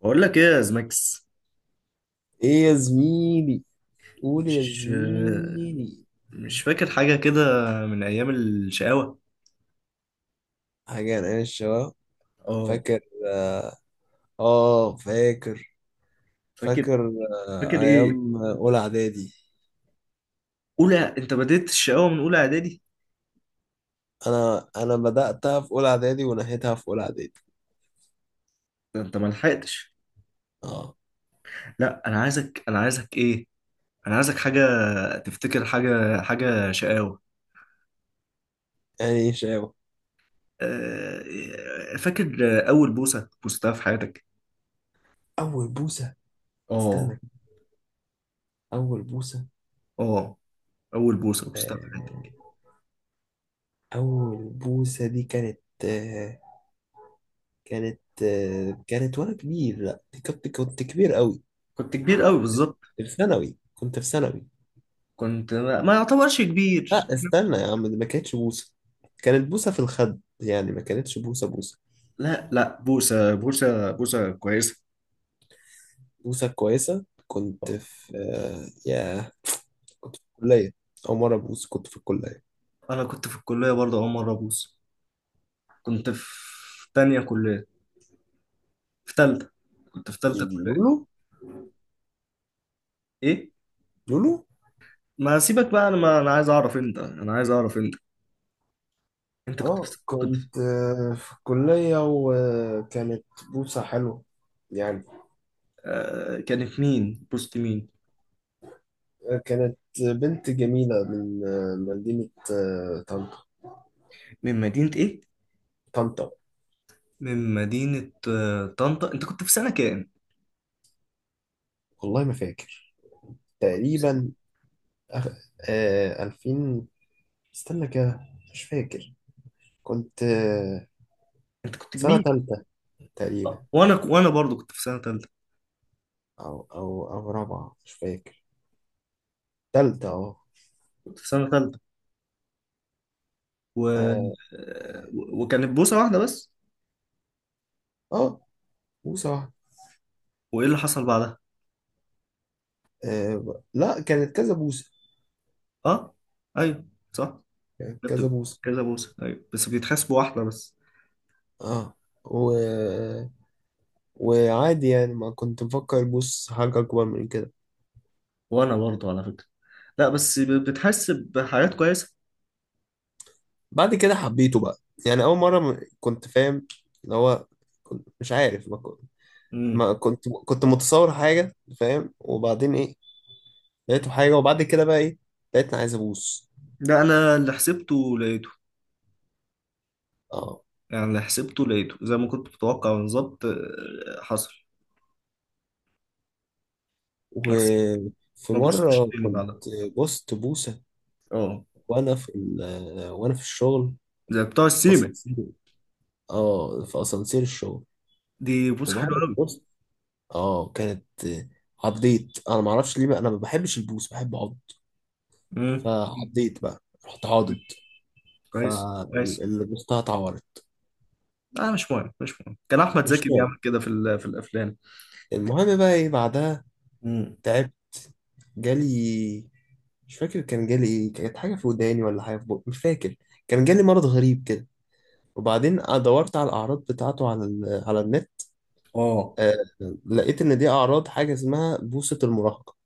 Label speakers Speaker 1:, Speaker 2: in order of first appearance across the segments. Speaker 1: بقول لك ايه يا زماكس؟
Speaker 2: ايه يا زميلي؟ قول يا
Speaker 1: مش
Speaker 2: زميلي.
Speaker 1: مش فاكر حاجة كده من أيام الشقاوة؟
Speaker 2: حاجة انا الشباب؟
Speaker 1: اه،
Speaker 2: فاكر. اه. فاكر.
Speaker 1: فاكر.
Speaker 2: فاكر. آه
Speaker 1: فاكر ايه؟
Speaker 2: ايام اولى اعدادي.
Speaker 1: أولى؟ أنت بديت الشقاوة من أولى إعدادي؟
Speaker 2: انا بدأتها في اولى اعدادي ونهيتها في اولى اعدادي.
Speaker 1: ده أنت ما لحقتش.
Speaker 2: اه.
Speaker 1: لا، أنا عايزك إيه، أنا عايزك حاجة. تفتكر حاجة شقاوة؟
Speaker 2: يعني ايه شباب؟
Speaker 1: آه، فاكر أول بوسة بوستها في حياتك؟
Speaker 2: اول بوسة. استنى
Speaker 1: اه.
Speaker 2: كده. اول بوسة.
Speaker 1: اه، أول بوسة بوستها في
Speaker 2: آه،
Speaker 1: حياتك.
Speaker 2: اول بوسة دي كانت آه، كانت آه، كانت وانا كبير، لا دي كنت كبير قوي.
Speaker 1: كنت كبير قوي بالظبط.
Speaker 2: في ثانوي، كنت في ثانوي.
Speaker 1: كنت ما يعتبرش كبير.
Speaker 2: لا استنى يا عم، دي ما كانتش بوسة. كانت بوسة في الخد، يعني ما كانتش بوسة.
Speaker 1: لا لا، بوسة، بوسة، بوسة كويسة.
Speaker 2: بوسة كويسة. كنت في يا، كنت في الكلية. أول مرة بوس كنت في الكلية.
Speaker 1: أنا كنت في الكلية برضه أول مرة أبوس. كنت في تانية كلية، في تالتة. كنت في تالتة
Speaker 2: دي
Speaker 1: كلية.
Speaker 2: لولو.
Speaker 1: إيه؟
Speaker 2: لولو.
Speaker 1: ما سيبك بقى، أنا ما أنا عايز أعرف أنت. أنت كنت
Speaker 2: اه
Speaker 1: في- كنت في-
Speaker 2: كنت في الكلية وكانت بوسة حلوة يعني.
Speaker 1: آه، كانت مين؟ بوست مين؟
Speaker 2: كانت بنت جميلة من مدينة طنطا.
Speaker 1: من مدينة إيه؟
Speaker 2: طنطا.
Speaker 1: من مدينة آه طنطا. أنت كنت في سنة كام؟
Speaker 2: والله ما فاكر.
Speaker 1: كنت في
Speaker 2: تقريبا
Speaker 1: سنة-
Speaker 2: 2000. استنى كده، مش فاكر. كنت
Speaker 1: أنت كنت
Speaker 2: سنة
Speaker 1: كبير.
Speaker 2: تالتة تقريبا.
Speaker 1: آه، وأنا برضه كنت في سنة تالتة.
Speaker 2: أو رابعة، مش فاكر. تالتة أه.
Speaker 1: كنت في سنة تالتة
Speaker 2: آه.
Speaker 1: وكانت بوسة واحدة بس.
Speaker 2: آه، بوسة واحدة.
Speaker 1: وإيه اللي حصل بعدها؟
Speaker 2: آه ب- لا كانت كذا بوسة.
Speaker 1: اه، ايوه، صح.
Speaker 2: كانت
Speaker 1: ده
Speaker 2: كذا
Speaker 1: بتبقى
Speaker 2: بوسة.
Speaker 1: كذا بوسه، ايوه، بس بيتحسب واحده بس.
Speaker 2: أه. و... وعادي يعني، ما كنت مفكر بوس حاجة أكبر من كده.
Speaker 1: وانا برضه على فكره. لا بس بتحسب حاجات كويسه.
Speaker 2: بعد كده حبيته بقى. يعني أول مرة م- كنت فاهم اللي هو، كنت مش عارف. ما كنت
Speaker 1: امم
Speaker 2: ما كنت كنت متصور حاجة فاهم، وبعدين إيه، لقيته حاجة، وبعد كده بقى إيه، لقيتني عايز أبوس.
Speaker 1: لا، انا اللي حسبته لقيته.
Speaker 2: اه.
Speaker 1: يعني اللي حسبته لقيته زي ما كنت متوقع بالظبط، آه، حصل. بس
Speaker 2: وفي
Speaker 1: ما
Speaker 2: مرة
Speaker 1: بصتش تاني
Speaker 2: كنت
Speaker 1: بعدها.
Speaker 2: بوست بوسة
Speaker 1: اه،
Speaker 2: وأنا في الشغل.
Speaker 1: زي بتوع السيمة.
Speaker 2: أسانسير. آه، في أسانسير الشغل.
Speaker 1: دي بص
Speaker 2: وبعد
Speaker 1: حلوه
Speaker 2: ما
Speaker 1: قوي.
Speaker 2: بوست آه كانت عضيت. أنا معرفش ليه بقى، أنا ما بحبش البوس، بحب أعض.
Speaker 1: امم
Speaker 2: فعضيت بقى، رحت عاضد.
Speaker 1: كويس، كويس.
Speaker 2: فاللي بوستها اتعورت.
Speaker 1: لا مش مهم، مش مهم، كان احمد زكي
Speaker 2: مش
Speaker 1: بيعمل
Speaker 2: مهم،
Speaker 1: كده في الافلام.
Speaker 2: المهم بقى إيه بعدها.
Speaker 1: امم
Speaker 2: تعبت. جالي، مش فاكر كان جالي إيه، كانت حاجة في وداني ولا حاجة في بقي، مش فاكر. كان جالي مرض غريب كده. وبعدين دورت على الأعراض بتاعته على ال... على النت.
Speaker 1: اه،
Speaker 2: آه... لقيت إن دي أعراض حاجة اسمها بوصة المراهقة.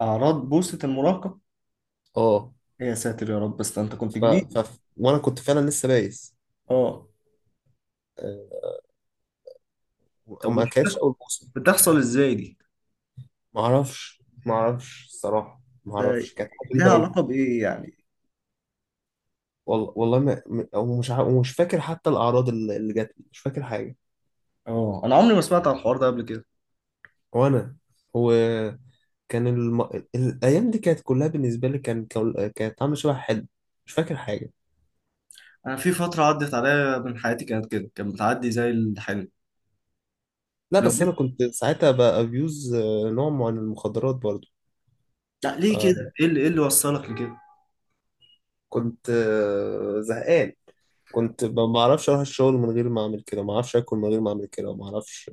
Speaker 1: اعراض بوسه المراهقه؟
Speaker 2: اه
Speaker 1: يا ساتر يا رب، بس انت كنت
Speaker 2: ف...
Speaker 1: كبير.
Speaker 2: ف... وأنا كنت فعلا لسه بايس.
Speaker 1: اه،
Speaker 2: آه...
Speaker 1: طب
Speaker 2: وما
Speaker 1: ودي
Speaker 2: كانتش أول بوصة.
Speaker 1: بتحصل ازاي دي؟
Speaker 2: معرفش، معرفش الصراحة،
Speaker 1: ده
Speaker 2: معرفش. كانت حاجة غريبة
Speaker 1: لها
Speaker 2: أوي.
Speaker 1: علاقة بإيه يعني؟
Speaker 2: والله والله ما... م- ومش ع... ومش فاكر حتى الأعراض اللي جات لي، مش فاكر حاجة.
Speaker 1: اه، انا عمري ما سمعت عن الحوار ده قبل كده.
Speaker 2: وأنا، وكان، الم... الأيام دي كانت كلها بالنسبة لي، كانت عاملة شبه حلم. مش فاكر حاجة.
Speaker 1: انا في فترة عدت عليا من حياتي كانت كده، كانت بتعدي زي الحلم.
Speaker 2: لا
Speaker 1: لو
Speaker 2: بس انا
Speaker 1: جيت،
Speaker 2: كنت ساعتها بابيوز نوع معين من المخدرات برضو.
Speaker 1: لا، ليه كده؟ ايه اللي، ايه اللي وصلك لكده؟
Speaker 2: فكنت زهقان. كنت ب- ما اعرفش اروح الشغل من غير ما اعمل كده، ما اعرفش اكل من غير ما اعمل كده، وما اعرفش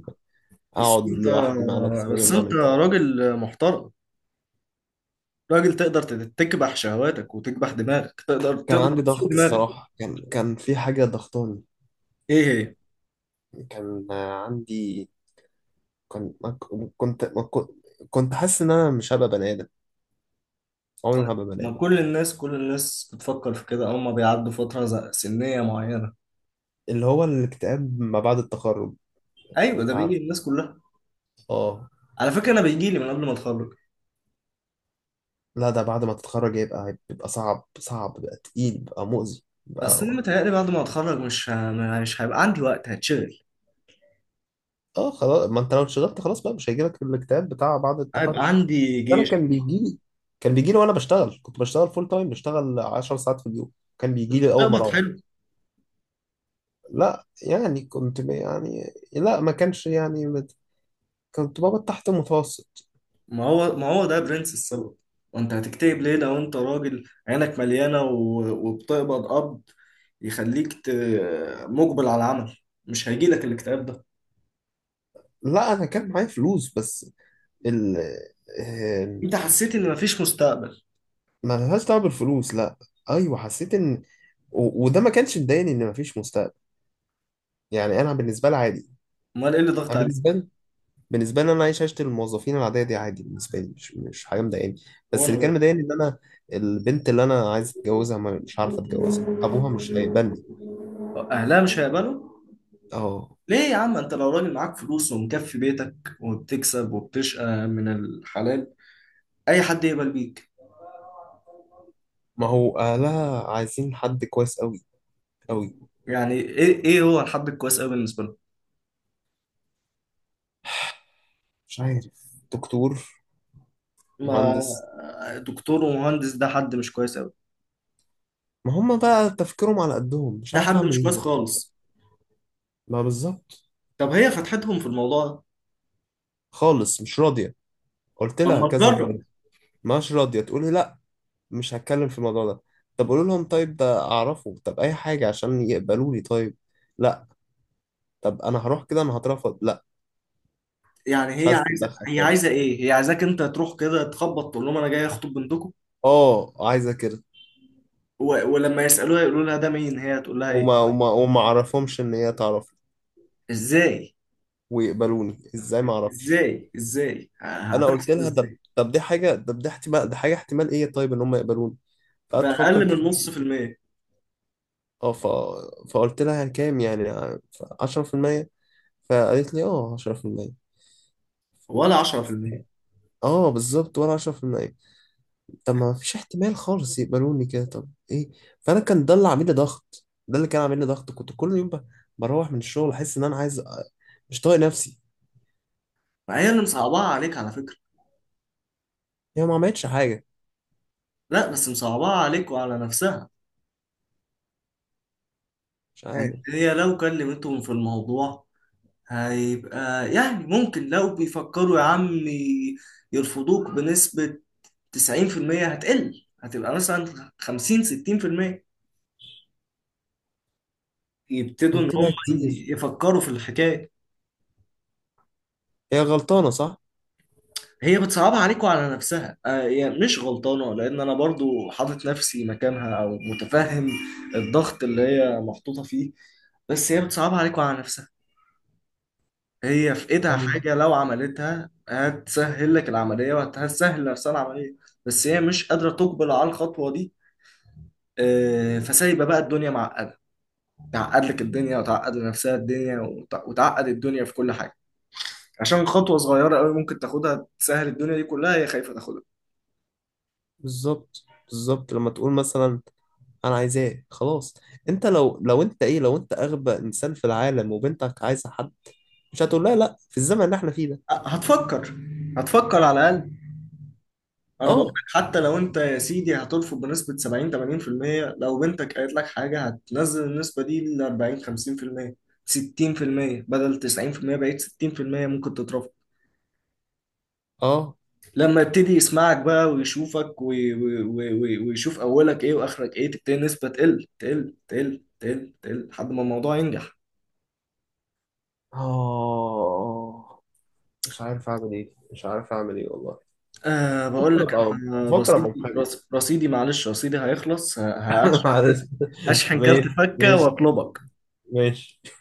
Speaker 1: بس
Speaker 2: اقعد
Speaker 1: انت
Speaker 2: لوحدي مع نفسي من غير
Speaker 1: بس
Speaker 2: ما
Speaker 1: انت
Speaker 2: اعمل كده.
Speaker 1: راجل محترم، راجل تقدر تكبح شهواتك وتكبح دماغك، تقدر،
Speaker 2: كان
Speaker 1: تقدر
Speaker 2: عندي
Speaker 1: تسوق
Speaker 2: ضغط
Speaker 1: دماغك.
Speaker 2: الصراحه، كان كان في حاجه ضغطاني.
Speaker 1: ايه هي؟
Speaker 2: كان عندي. كان ما ك- كنت ما كنت، كنت حاسس ان انا مش هبقى بني ادم، عمري
Speaker 1: طيب،
Speaker 2: ما هبقى بني
Speaker 1: ما
Speaker 2: ادم.
Speaker 1: كل الناس، كل الناس بتفكر في كده اول ما بيعدوا فترة سنية معينة.
Speaker 2: اللي هو الاكتئاب ما بعد التخرج.
Speaker 1: ايوه، ده
Speaker 2: انت
Speaker 1: بيجي
Speaker 2: عارف.
Speaker 1: للناس كلها.
Speaker 2: اه.
Speaker 1: على فكره انا بيجي لي من قبل ما اتخرج.
Speaker 2: لا ده بعد ما تتخرج يبقى بيبقى صعب، صعب بقى، تقيل بقى، مؤذي بقى
Speaker 1: بس انا
Speaker 2: هو.
Speaker 1: متهيألي بعد ما اتخرج مش هيبقى عندي وقت، هتشغل.
Speaker 2: اه خلاص، ما انت لو اشتغلت خلاص بقى مش هيجيلك الاكتئاب بتاع بعد التخرج.
Speaker 1: هيبقى عندي
Speaker 2: انا
Speaker 1: جيش.
Speaker 2: كان بيجي لي. كان بيجي لي وانا بشتغل، كنت بشتغل فول تايم، بشتغل 10 ساعات في اليوم. كان بيجي لي اول ما
Speaker 1: بتقبض
Speaker 2: اروح.
Speaker 1: حلو.
Speaker 2: لا يعني كنت ب- يعني لا، ما كانش يعني مت-، كنت بابا تحت المتوسط.
Speaker 1: ما هو ده برنس السبب. وانت هتكتئب ليه لو انت راجل عينك مليانه وبتقبض قبض، يخليك مجبل على العمل، مش هيجي لك الاكتئاب ده.
Speaker 2: لا انا كان معايا فلوس بس، ال، آه،
Speaker 1: انت حسيت ان مفيش مستقبل؟
Speaker 2: ما لهاش دعوه بالفلوس، لا. ايوه حسيت ان، و- وده ما كانش مضايقني ان مفيش مستقبل. يعني انا بالنسبه لي عادي.
Speaker 1: امال ايه اللي ضغط
Speaker 2: انا بالنسبه
Speaker 1: عليك؟
Speaker 2: لي، بالنسبه لي انا عايش عيشه الموظفين العاديه دي عادي، بالنسبه لي مش مش حاجه مضايقاني. بس اللي
Speaker 1: وانا،
Speaker 2: كان مضايقني ان انا البنت اللي انا عايز اتجوزها ما- مش عارف اتجوزها، ابوها مش هيقبلني.
Speaker 1: أهلها مش هيقبلوا؟
Speaker 2: اه.
Speaker 1: ليه يا عم؟ انت لو راجل معاك فلوس ومكفي بيتك وبتكسب وبتشقى من الحلال، اي حد يقبل بيك.
Speaker 2: ما هو اهلها عايزين حد كويس قوي. قوي.
Speaker 1: يعني ايه، ايه هو الحد الكويس قوي بالنسبه له؟
Speaker 2: مش عارف، دكتور،
Speaker 1: ما
Speaker 2: مهندس.
Speaker 1: دكتور ومهندس ده حد مش كويس قوي؟
Speaker 2: ما هم بقى تفكيرهم على قدهم، مش
Speaker 1: ده
Speaker 2: عارف
Speaker 1: حد
Speaker 2: اعمل
Speaker 1: مش
Speaker 2: ايه.
Speaker 1: كويس خالص.
Speaker 2: ما بالظبط.
Speaker 1: طب هي فتحتهم في الموضوع ده؟
Speaker 2: خالص مش راضيه. قلت
Speaker 1: طب
Speaker 2: لها
Speaker 1: ما
Speaker 2: كذا مره،
Speaker 1: تجرب.
Speaker 2: مش راضيه، تقول لي لا، مش هتكلم في الموضوع ده. طب قولوا لهم طيب ده اعرفه، طب اي حاجه عشان يقبلوني طيب. لا. طب انا هروح كده انا هترفض، لا.
Speaker 1: يعني
Speaker 2: مش
Speaker 1: هي
Speaker 2: عايز
Speaker 1: عايزه،
Speaker 2: تتدخل
Speaker 1: هي عايزه
Speaker 2: خالص.
Speaker 1: ايه؟ هي عايزاك انت تروح كده تخبط تقول لهم انا جاي اخطب بنتكم؟
Speaker 2: اه عايزه كده.
Speaker 1: ولما يسالوها يقولوا لها ده مين، هي هتقول لها ايه؟
Speaker 2: وما اعرفهمش ان هي تعرف
Speaker 1: ازاي؟
Speaker 2: ويقبلوني ازاي، ما اعرفش.
Speaker 1: ازاي ازاي ه-
Speaker 2: انا قلت
Speaker 1: هتحصل
Speaker 2: لها ده،
Speaker 1: ازاي؟
Speaker 2: طب دي حاجه، طب دي احتمال، دي حاجه احتمال ايه طيب ان هم يقبلوني.
Speaker 1: ده
Speaker 2: فقعدت افكر
Speaker 1: اقل من
Speaker 2: كتير.
Speaker 1: نص في المية.
Speaker 2: اه ف... فقلت لها كام يعني؟ 10%. فقالت لي اه 10%.
Speaker 1: ولا 10%؟
Speaker 2: اه بالظبط، ولا 10%. طب ما فيش احتمال خالص يقبلوني كده، طب ايه. فانا كان ده اللي عامل لي ضغط، ده اللي كان عامل لي ضغط، كنت كل يوم ب- بروح من الشغل احس ان انا عايز أ- مش طايق نفسي.
Speaker 1: ما هي اللي مصعباها عليك على فكرة.
Speaker 2: هي ما عملتش حاجه،
Speaker 1: لا بس مصعباها عليك وعلى نفسها.
Speaker 2: مش عارف.
Speaker 1: هي لو كلمتهم في الموضوع، هيبقى يعني ممكن، لو بيفكروا يا عم يرفضوك بنسبة 90%، هتقل هتبقى مثلا 50 60%، يبتدوا إن
Speaker 2: قلت لها
Speaker 1: هم
Speaker 2: كتير
Speaker 1: يفكروا في الحكاية.
Speaker 2: هي غلطانه صح.
Speaker 1: هي بتصعبها عليك وعلى نفسها، آه يعني مش غلطانة لأن أنا برضو حاطط نفسي مكانها أو متفهم الضغط اللي هي محطوطة فيه، بس هي بتصعبها عليك وعلى نفسها. هي في إيدها
Speaker 2: ايوه
Speaker 1: حاجة لو عملتها هتسهل لك العملية وهتسهل لنفسها العملية، بس هي مش قادرة تقبل على الخطوة دي. آه، فسايبة بقى الدنيا معقدة، تعقد لك الدنيا وتعقد لنفسها الدنيا وتعقد الدنيا في كل حاجة، عشان خطوة صغيرة قوي ممكن تاخدها تسهل الدنيا دي كلها هي خايفة تاخدها.
Speaker 2: بالظبط، بالظبط لما تقول مثلا انا عايزاه خلاص، انت لو انت ايه لو انت اغبى انسان في العالم وبنتك عايزه حد، مش هتقول لها لا في الزمن اللي احنا فيه ده.
Speaker 1: هتفكر، هتفكر على الاقل. انا بقول
Speaker 2: اه.
Speaker 1: لك، حتى لو انت يا سيدي هترفض بنسبه 70 80%، لو بنتك قالت لك حاجه هتنزل النسبه دي ل 40 50%، 60% بدل 90% بقيت 60%، ممكن تترفض.
Speaker 2: اه.
Speaker 1: لما يبتدي يسمعك بقى ويشوفك ويشوف اولك ايه واخرك ايه، تبتدي النسبه تقل، تقل، تقل، تقل، تقل لحد ما الموضوع ينجح.
Speaker 2: اه مش عارف اعمل ايه، مش عارف اعمل ايه والله.
Speaker 1: أه بقول
Speaker 2: بفكر
Speaker 1: لك،
Speaker 2: ابقى،
Speaker 1: انا
Speaker 2: بفكر ابقى
Speaker 1: رصيدي،
Speaker 2: محامي.
Speaker 1: رصيدي، معلش، رصيدي هيخلص، هشحن
Speaker 2: معلش.
Speaker 1: كارت. هشحن كارت
Speaker 2: ماشي،
Speaker 1: فكه
Speaker 2: ماشي،
Speaker 1: واطلبك.
Speaker 2: ماشي.